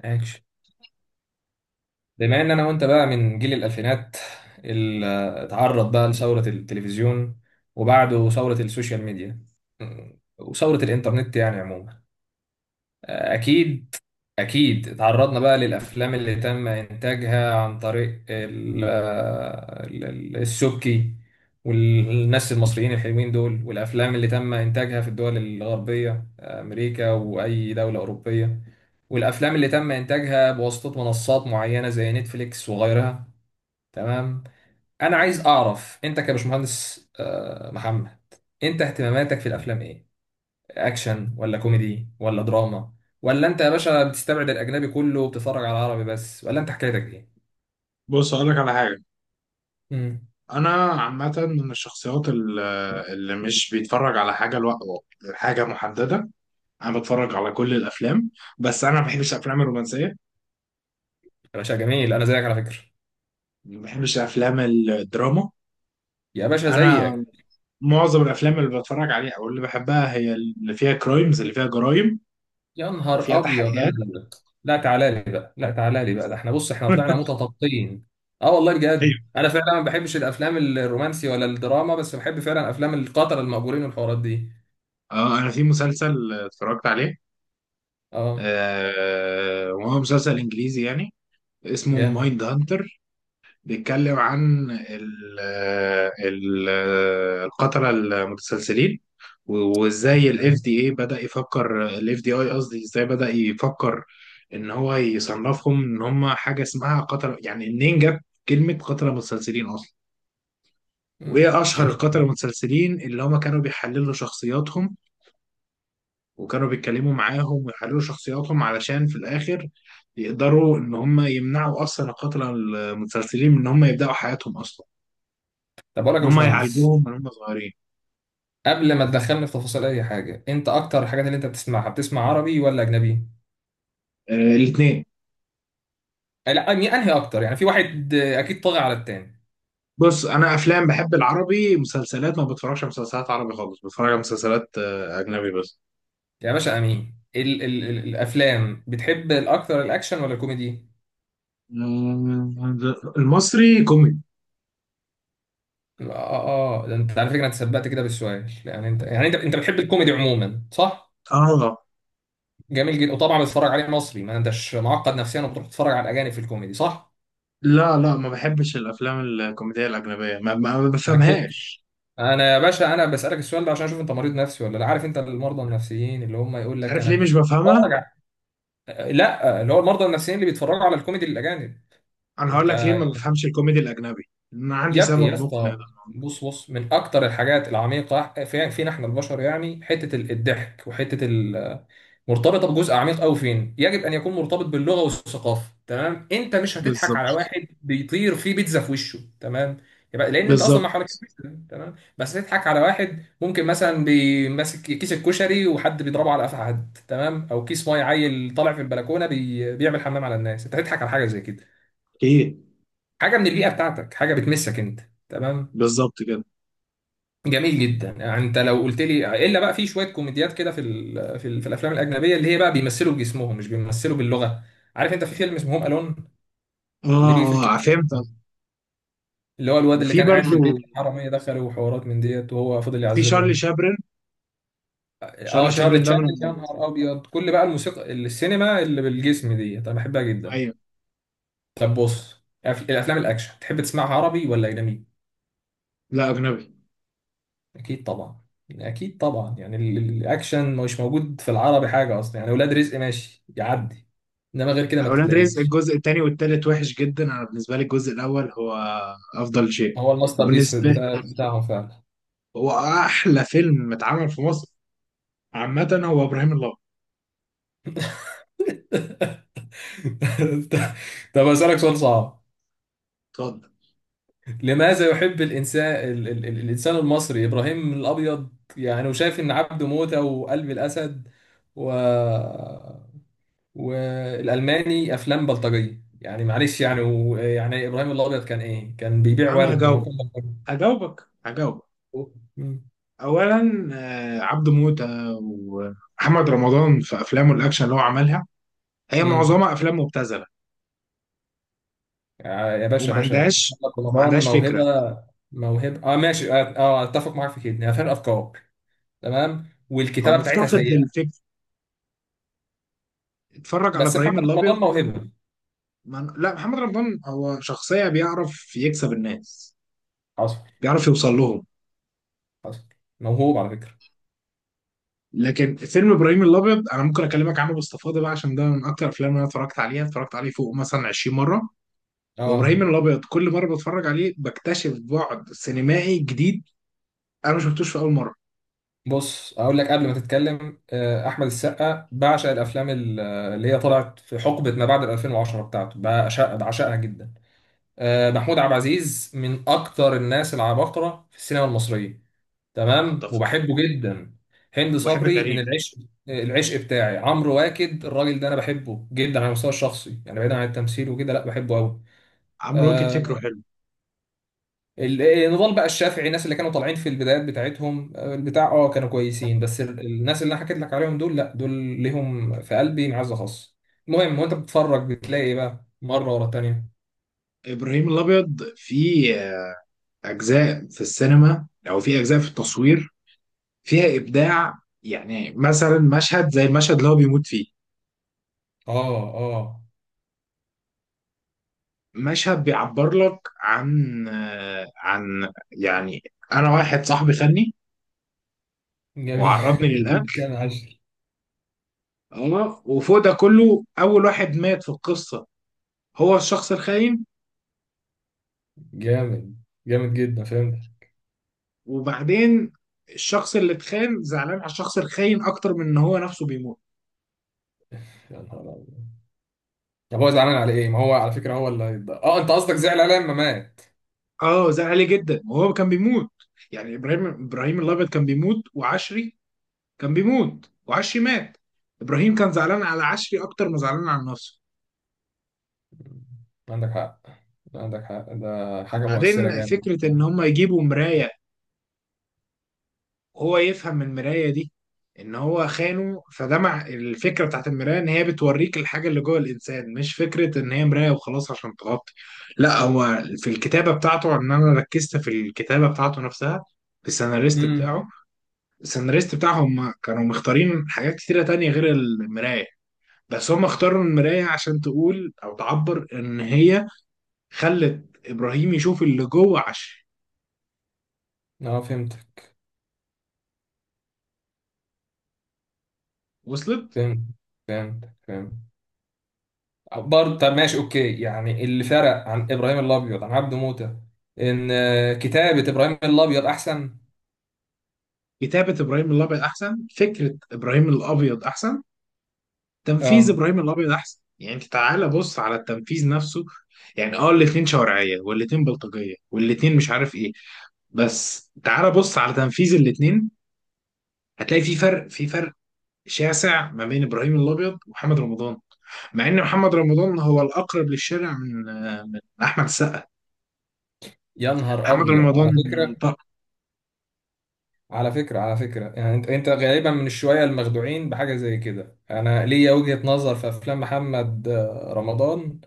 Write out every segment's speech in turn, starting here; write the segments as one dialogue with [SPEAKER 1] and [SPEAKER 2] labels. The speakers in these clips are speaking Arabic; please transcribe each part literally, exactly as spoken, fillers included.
[SPEAKER 1] اكشن. بما ان انا وانت بقى من جيل الالفينات اللي اتعرض بقى لثوره التلفزيون، وبعده ثوره السوشيال ميديا وثوره الانترنت يعني عموما. اكيد، أكيد تعرضنا بقى للأفلام اللي تم إنتاجها عن طريق ال- ال- ال- السبكي والناس المصريين الحلوين دول، والأفلام اللي تم إنتاجها في الدول الغربية، أمريكا وأي دولة أوروبية، والأفلام اللي تم إنتاجها بواسطة منصات معينة زي نتفليكس وغيرها. تمام. أنا عايز أعرف أنت كبشمهندس آه، محمد، أنت اهتماماتك في الأفلام إيه؟ اكشن ولا كوميدي ولا دراما؟ ولا انت يا باشا بتستبعد الاجنبي كله وبتتفرج على العربي بس، ولا انت حكايتك ايه؟
[SPEAKER 2] بص اقول لك على حاجه.
[SPEAKER 1] امم.
[SPEAKER 2] انا عامه من الشخصيات ال- اللي مش بيتفرج على حاجه لو... حاجه محدده. انا بتفرج على كل الافلام، بس انا ما بحبش الافلام الرومانسيه،
[SPEAKER 1] يا باشا جميل، انا زيك على فكره.
[SPEAKER 2] ما بحبش افلام الدراما.
[SPEAKER 1] يا باشا
[SPEAKER 2] انا
[SPEAKER 1] زيك.
[SPEAKER 2] معظم الافلام اللي بتفرج عليها او اللي بحبها هي اللي فيها كرايمز، اللي فيها جرايم
[SPEAKER 1] يا
[SPEAKER 2] وفيها
[SPEAKER 1] نهار ابيض، لا لا
[SPEAKER 2] تحقيقات.
[SPEAKER 1] لا لا. لا تعالى لي بقى، لا تعالى لي بقى، ده احنا بص احنا طلعنا متطابقين. اه والله
[SPEAKER 2] ايوه.
[SPEAKER 1] بجد انا فعلا ما بحبش الافلام الرومانسي ولا الدراما، بس بحب فعلا افلام القتله المأجورين والحوارات دي.
[SPEAKER 2] اه انا في مسلسل اتفرجت عليه،
[SPEAKER 1] اه.
[SPEAKER 2] آه وهو مسلسل انجليزي يعني، اسمه
[SPEAKER 1] جامد.
[SPEAKER 2] مايند هانتر. بيتكلم عن ال ال القتلة المتسلسلين،
[SPEAKER 1] يا
[SPEAKER 2] وازاي الاف
[SPEAKER 1] سلام.
[SPEAKER 2] دي اي بدأ يفكر، الاف دي اي قصدي ازاي بدأ يفكر ان هو يصنفهم ان هم حاجة اسمها قتلة. يعني منين جت كلمة قتلة متسلسلين اصلا؟
[SPEAKER 1] مم.
[SPEAKER 2] وايه اشهر
[SPEAKER 1] جميل.
[SPEAKER 2] القتلة المتسلسلين اللي هم كانوا بيحللوا شخصياتهم وكانوا بيتكلموا معاهم ويحللوا شخصياتهم علشان في الاخر يقدروا ان هم يمنعوا اصلا القتلة المتسلسلين من ان هم يبدأوا حياتهم اصلا،
[SPEAKER 1] طب اقول لك
[SPEAKER 2] ان
[SPEAKER 1] يا
[SPEAKER 2] هم
[SPEAKER 1] باشمهندس،
[SPEAKER 2] يعالجوهم من هم صغيرين.
[SPEAKER 1] قبل ما تدخلني في تفاصيل اي حاجه، انت اكتر الحاجات اللي انت بتسمعها بتسمع عربي ولا اجنبي؟
[SPEAKER 2] آه الاثنين.
[SPEAKER 1] أي- لا أني- انهي اكتر يعني؟ في واحد آه، اكيد طاغي على التاني.
[SPEAKER 2] بص انا افلام بحب العربي، مسلسلات ما بتفرجش على مسلسلات عربي خالص، بتفرج على مسلسلات آه، اجنبي بس.
[SPEAKER 1] يا باشا امين، ال ال ال الافلام بتحب الاكتر الاكشن ولا الكوميدي؟
[SPEAKER 2] آه، المصري كوميدي.
[SPEAKER 1] اه، اه، ده انت على فكره انت سبقت كده بالسؤال. يعني انت، يعني انت انت بتحب الكوميدي عموما صح؟
[SPEAKER 2] اه.
[SPEAKER 1] جميل جدا. وطبعا بتتفرج عليه مصري ما انتش معقد نفسيا وبتروح تتفرج على الاجانب في الكوميدي صح؟
[SPEAKER 2] لا لا، ما بحبش الافلام الكوميديه الاجنبيه، ما, ما ما
[SPEAKER 1] انا كنت،
[SPEAKER 2] بفهمهاش.
[SPEAKER 1] انا يا باشا انا بسالك السؤال ده عشان اشوف انت مريض نفسي ولا لا. عارف انت المرضى النفسيين اللي هم يقول لك
[SPEAKER 2] عارف ليه
[SPEAKER 1] انا،
[SPEAKER 2] مش بفهمها؟
[SPEAKER 1] لا اللي هو المرضى النفسيين اللي بيتفرجوا على الكوميدي الاجانب.
[SPEAKER 2] انا هقول لك ليه
[SPEAKER 1] انت
[SPEAKER 2] ما بفهمش الكوميدي الاجنبي، انا عندي
[SPEAKER 1] يا يا
[SPEAKER 2] سبب مقنع
[SPEAKER 1] اسطى،
[SPEAKER 2] ده.
[SPEAKER 1] بص بص، من اكتر الحاجات العميقه في فينا احنا البشر يعني حته ال- الضحك وحته ال-، مرتبطه بجزء عميق قوي، فين يجب ان يكون مرتبط باللغه والثقافه. تمام؟ انت مش هتضحك على
[SPEAKER 2] بالظبط.
[SPEAKER 1] واحد بيطير فيه بيتزا في وشه، تمام؟ يبقى لان انت اصلا
[SPEAKER 2] بالظبط.
[SPEAKER 1] ما حواليك بيتزا، تمام، بس تضحك على واحد ممكن مثلا بيمسك كيس الكشري وحد بيضربه على قفا حد، تمام، او كيس ميه عيل طالع في البلكونه بي... بيعمل حمام على الناس، انت هتضحك على حاجه زي كده.
[SPEAKER 2] اكيد.
[SPEAKER 1] حاجه من البيئه بتاعتك، حاجه بتمسك انت. تمام.
[SPEAKER 2] بالظبط كده.
[SPEAKER 1] جميل جدا. يعني انت لو قلت لي الا بقى في شويه كوميديات كده في ال... في, ال... في الافلام الاجنبيه اللي هي بقى بيمثلوا بجسمهم مش بيمثلوا باللغه، عارف انت في فيلم اسمه هوم الون
[SPEAKER 2] اه
[SPEAKER 1] اللي بيجي في
[SPEAKER 2] اه
[SPEAKER 1] الكلاس ده،
[SPEAKER 2] فهمت.
[SPEAKER 1] اللي هو الواد اللي
[SPEAKER 2] وفي
[SPEAKER 1] كان قاعد في البيت
[SPEAKER 2] برضو
[SPEAKER 1] الحراميه دخلوا وحوارات من ديت وهو فضل
[SPEAKER 2] في شارلي
[SPEAKER 1] يعذبهم.
[SPEAKER 2] شابرن، شارلي
[SPEAKER 1] اه، تشارلي
[SPEAKER 2] شابرن ده
[SPEAKER 1] تشابلن،
[SPEAKER 2] من،
[SPEAKER 1] يا نهار ابيض. كل بقى الموسيقى السينما اللي بالجسم ديت انا بحبها جدا.
[SPEAKER 2] ايوه.
[SPEAKER 1] طب بص، الأف- الافلام الاكشن تحب تسمعها عربي ولا اجنبي؟
[SPEAKER 2] لا اجنبي.
[SPEAKER 1] اكيد طبعا. يعني اكيد طبعا، يعني ال- ال- الاكشن مش موجود في العربي حاجه اصلا يعني، ولاد رزق ماشي يعدي، انما غير كده ما
[SPEAKER 2] اولاد رزق
[SPEAKER 1] تلاقيش.
[SPEAKER 2] الجزء الثاني والثالث وحش جدا، انا بالنسبه لي الجزء الاول هو افضل شيء،
[SPEAKER 1] هو الماستر بيس
[SPEAKER 2] وبالنسبه لي
[SPEAKER 1] بتاع بتاعهم فعلا.
[SPEAKER 2] هو احلى فيلم اتعمل في مصر، عامه هو ابراهيم الابيض.
[SPEAKER 1] طب اسالك سؤال صعب.
[SPEAKER 2] اتفضل.
[SPEAKER 1] لماذا يحب الانسان ال ال ال الانسان المصري ابراهيم الابيض؟ يعني وشايف ان عبده موته وقلب الاسد و، والالماني افلام بلطجيه يعني، معلش يعني و... يعني ابراهيم الابيض كان ايه؟ كان بيبيع
[SPEAKER 2] انا
[SPEAKER 1] ورد؟ ما هو
[SPEAKER 2] هجاوبك
[SPEAKER 1] كان بلطجي.
[SPEAKER 2] هجاوبك هجاوبك.
[SPEAKER 1] مم.
[SPEAKER 2] اولا آه، عبده موته ومحمد رمضان في افلامه الاكشن اللي هو عملها، هي
[SPEAKER 1] مم.
[SPEAKER 2] معظمها افلام مبتذله،
[SPEAKER 1] آه، يا باشا
[SPEAKER 2] وما
[SPEAKER 1] يا باشا،
[SPEAKER 2] عندهاش
[SPEAKER 1] محمد
[SPEAKER 2] ما
[SPEAKER 1] رمضان
[SPEAKER 2] عندهاش فكره،
[SPEAKER 1] موهبه. موهبه اه، ماشي، اه، آه، اتفق معاك في كده، هي فرق افكار تمام،
[SPEAKER 2] هو
[SPEAKER 1] والكتابه بتاعتها
[SPEAKER 2] مفتقد
[SPEAKER 1] سيئه.
[SPEAKER 2] للفكر. اتفرج على
[SPEAKER 1] بس محمد
[SPEAKER 2] ابراهيم
[SPEAKER 1] رمضان
[SPEAKER 2] الابيض.
[SPEAKER 1] موهبه.
[SPEAKER 2] ما أنا- لا محمد رمضان هو شخصية بيعرف يكسب الناس،
[SPEAKER 1] حصل.
[SPEAKER 2] بيعرف يوصل لهم.
[SPEAKER 1] حصل. موهوب على فكره.
[SPEAKER 2] لكن فيلم ابراهيم الابيض انا ممكن اكلمك عنه باستفاضه بقى، عشان ده من اكتر الافلام اللي انا اتفرجت عليها، اتفرجت عليه فوق مثلا عشرين مره.
[SPEAKER 1] اه.
[SPEAKER 2] وابراهيم الابيض كل مره بتفرج عليه بكتشف بعد سينمائي جديد، انا ما شفتوش في اول مره.
[SPEAKER 1] بص اقول لك قبل ما تتكلم، آه، احمد السقا بعشق الافلام ال- اللي هي طلعت في حقبه ما بعد ألفين وعشرة بتاعته، بعشق بعشقها جدا. آه، محمود عبد العزيز من اكتر الناس العباقره في السينما المصريه، تمام،
[SPEAKER 2] اتفق.
[SPEAKER 1] وبحبه جدا. هند
[SPEAKER 2] وبحب
[SPEAKER 1] صبري من
[SPEAKER 2] كريم.
[SPEAKER 1] العشق. العشق بتاعي عمرو واكد، الراجل ده انا بحبه جدا على المستوى الشخصي يعني، بعيدا عن التمثيل وكده، لا بحبه قوي.
[SPEAKER 2] عمرو واكد
[SPEAKER 1] آه.
[SPEAKER 2] فكره حلو.
[SPEAKER 1] ال- نضال بقى الشافعي، الناس اللي كانوا طالعين في البدايات بتاعتهم آه، البتاع اه كانوا كويسين، بس ال- الناس اللي انا حكيت لك عليهم دول، لا دول ليهم في قلبي معزه خاصه. المهم، وانت بتتفرج بتلاقي ايه بقى مره ورا التانيه؟
[SPEAKER 2] ابراهيم الابيض فيه اجزاء في السينما او فيه اجزاء في التصوير فيها ابداع، يعني مثلا مشهد زي المشهد اللي هو بيموت فيه،
[SPEAKER 1] اه. اه.
[SPEAKER 2] مشهد بيعبر لك عن آه، عن يعني، انا واحد صاحبي خدني
[SPEAKER 1] جميل.
[SPEAKER 2] وعرضني
[SPEAKER 1] بتقول
[SPEAKER 2] للاكل.
[SPEAKER 1] كام عشر.
[SPEAKER 2] اه وفوق ده كله اول واحد مات في القصه هو الشخص الخاين.
[SPEAKER 1] جامد، جامد جدا، فهمت.
[SPEAKER 2] وبعدين الشخص اللي اتخان زعلان على الشخص الخاين اكتر من ان هو نفسه بيموت.
[SPEAKER 1] يا نهار أبيض. طب هو زعلان على ايه؟ ما هو على فكره هو اللي هيتض- اه انت قصدك زعل عليه لما مات؟
[SPEAKER 2] اه زعل عليه جدا وهو كان بيموت، يعني ابراهيم ابراهيم الابيض كان بيموت وعشري، كان بيموت وعشري مات، ابراهيم كان زعلان على عشري اكتر ما زعلان على نفسه.
[SPEAKER 1] عندك حق، عندك حق، ده حاجه مؤثره
[SPEAKER 2] وبعدين
[SPEAKER 1] جامد.
[SPEAKER 2] فكره ان هم يجيبوا مرايه، هو يفهم من المراية دي ان هو خانه، فده مع الفكرة بتاعت المراية ان هي بتوريك الحاجة اللي جوه الانسان، مش فكرة ان هي مراية وخلاص عشان تغطي. لا هو في الكتابة بتاعته، ان انا ركزت في الكتابة بتاعته نفسها، في السيناريست
[SPEAKER 1] امم.
[SPEAKER 2] بتاعه. السيناريست بتاعهم كانوا مختارين حاجات كتيرة تانية غير المراية، بس هم اختاروا المراية عشان تقول او تعبر ان هي خلت ابراهيم يشوف اللي جوه، عشان
[SPEAKER 1] اه، فهمتك.
[SPEAKER 2] وصلت.
[SPEAKER 1] فهمت، فهمت، فهمت. آه، برضه. طب ماشي، اوكي، يعني اللي فرق عن ابراهيم الابيض عن عبده موته، ان آه، كتابه ابراهيم الابيض احسن.
[SPEAKER 2] كتابة ابراهيم الابيض احسن، فكرة ابراهيم الابيض احسن، تنفيذ
[SPEAKER 1] اه.
[SPEAKER 2] ابراهيم الابيض احسن. يعني انت تعالى بص على التنفيذ نفسه، يعني اه الاتنين شوارعيه والاتنين بلطجيه والاتنين مش عارف ايه، بس تعالى بص على تنفيذ الاتنين، هتلاقي في فرق في فرق شاسع ما بين ابراهيم الابيض ومحمد رمضان، مع ان محمد رمضان هو الاقرب للشارع من من احمد السقا.
[SPEAKER 1] يا نهار
[SPEAKER 2] محمد
[SPEAKER 1] ابيض
[SPEAKER 2] رمضان.
[SPEAKER 1] على فكره.
[SPEAKER 2] طب.
[SPEAKER 1] على فكره، على فكره، يعني انت انت غالبا من الشويه المخدوعين بحاجه زي كده. انا ليا وجهه نظر في افلام محمد آه، رمضان.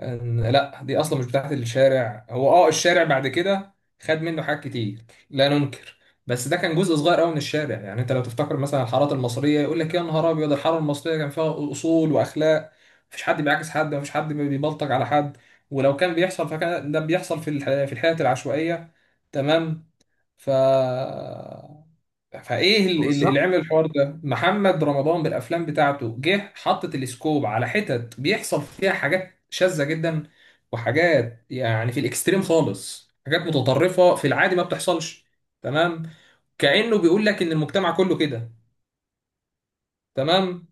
[SPEAKER 1] أن- لا دي اصلا مش بتاعت الشارع، هو اه الشارع بعد كده خد منه حاجات كتير، لا ننكر، بس ده كان جزء صغير قوي من الشارع. يعني انت لو تفتكر مثلا الحارات المصريه يقول لك يا نهار ابيض، الحاره المصريه كان فيها اصول واخلاق، مفيش حد بيعاكس حد، مفيش حد بيبلطج على حد، ولو كان بيحصل فكان ده بيحصل في الح... في الحياه العشوائيه. تمام. ف فايه ال- ال-
[SPEAKER 2] بالظبط.
[SPEAKER 1] اللي عمل الحوار ده محمد رمضان بالافلام بتاعته، جه حطت السكوب على حتت بيحصل فيها حاجات شاذة جدا، وحاجات يعني في الاكستريم خالص، حاجات متطرفة في العادي ما بتحصلش. تمام. كأنه بيقول لك ان المجتمع كله كده. تمام.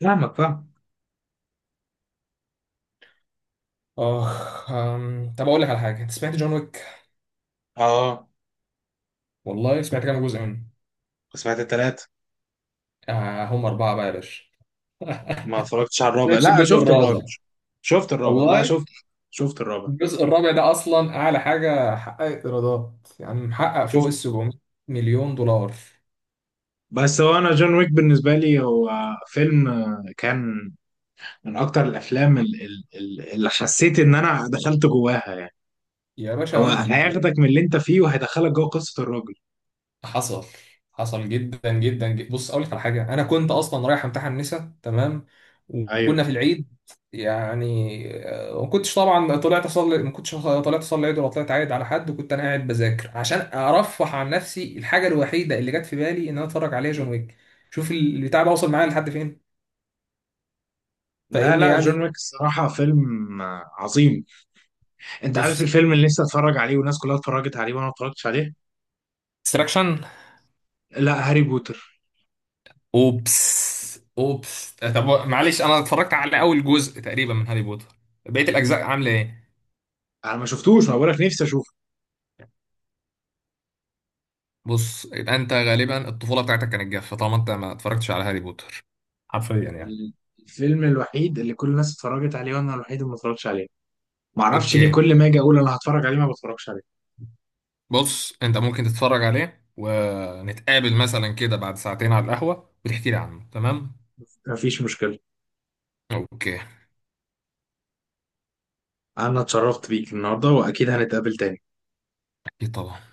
[SPEAKER 2] فاهمك فاهم.
[SPEAKER 1] اخ، أم، طب اقول لك على حاجة، انت سمعت جون ويك؟
[SPEAKER 2] اه
[SPEAKER 1] والله سمعت كام جزء منه؟
[SPEAKER 2] سمعت التلاتة.
[SPEAKER 1] آه هم أربعة بقى يا باشا.
[SPEAKER 2] ما اتفرجتش على الرابع،
[SPEAKER 1] شايفش
[SPEAKER 2] لا
[SPEAKER 1] الجزء
[SPEAKER 2] شفت الرابع،
[SPEAKER 1] الرابع؟
[SPEAKER 2] شفت الرابع، لا
[SPEAKER 1] والله
[SPEAKER 2] شفت، شفت الرابع،
[SPEAKER 1] الجزء الرابع ده اصلا اعلى حاجه حققت ايرادات، يعني محقق فوق ال
[SPEAKER 2] شفت.
[SPEAKER 1] سبعمية مليون دولار.
[SPEAKER 2] بس هو انا جون ويك بالنسبه لي هو فيلم آه، كان من اكتر الافلام ال- ال- ال- اللي حسيت ان انا دخلت جواها يعني،
[SPEAKER 1] يا باشا
[SPEAKER 2] هو
[SPEAKER 1] وانا يعني.
[SPEAKER 2] هياخدك من اللي انت فيه وهيدخلك جوه قصه الراجل.
[SPEAKER 1] حصل، حصل جدا جدا جدا. بص اقول لك على حاجه، انا كنت اصلا رايح امتحن نسا تمام،
[SPEAKER 2] ايوه.
[SPEAKER 1] وكنا في العيد يعني، آه، ما كنتش طبعا طلعت اصلي، ما كنتش طلعت اصلي العيد ولا طلعت عايد على حد، وكنت انا قاعد بذاكر عشان ارفه عن نفسي، الحاجه الوحيده اللي جت في بالي ان انا اتفرج عليها جون ويك. شوف البتاع ده وصل معايا لحد فين،
[SPEAKER 2] لا
[SPEAKER 1] فاهمني
[SPEAKER 2] لا، جون
[SPEAKER 1] يعني.
[SPEAKER 2] ويك الصراحه فيلم آه، عظيم. انت عارف
[SPEAKER 1] بص،
[SPEAKER 2] الفيلم اللي نفسي اتفرج عليه والناس كلها اتفرجت عليه وانا ما اتفرجتش عليه؟
[SPEAKER 1] ديستراكشن.
[SPEAKER 2] لا هاري بوتر،
[SPEAKER 1] اوبس، اوبس. طب معلش انا اتفرجت على اول جزء تقريبا من هاري بوتر، بقيه الاجزاء عامله ايه؟
[SPEAKER 2] انا ما شفتوش، ما بقولك نفسي اشوفه.
[SPEAKER 1] بص، يبقى انت غالبا الطفوله بتاعتك كانت جافه طالما انت ما اتفرجتش على هاري بوتر، حرفيا يعني.
[SPEAKER 2] الفيلم الوحيد اللي كل الناس اتفرجت عليه وانا الوحيد اللي ما اتفرجتش عليه، ما اعرفش ليه
[SPEAKER 1] اوكي.
[SPEAKER 2] كل ما اجي اقول انا هتفرج عليه ما بتفرجش عليه.
[SPEAKER 1] بص انت ممكن تتفرج عليه ونتقابل مثلا كده بعد ساعتين على القهوه وتحكي لي عنه، تمام؟
[SPEAKER 2] مفيش مشكله،
[SPEAKER 1] اوكي.
[SPEAKER 2] انا اتشرفت بيك النهارده واكيد هنتقابل تاني.
[SPEAKER 1] اكيد طبعا.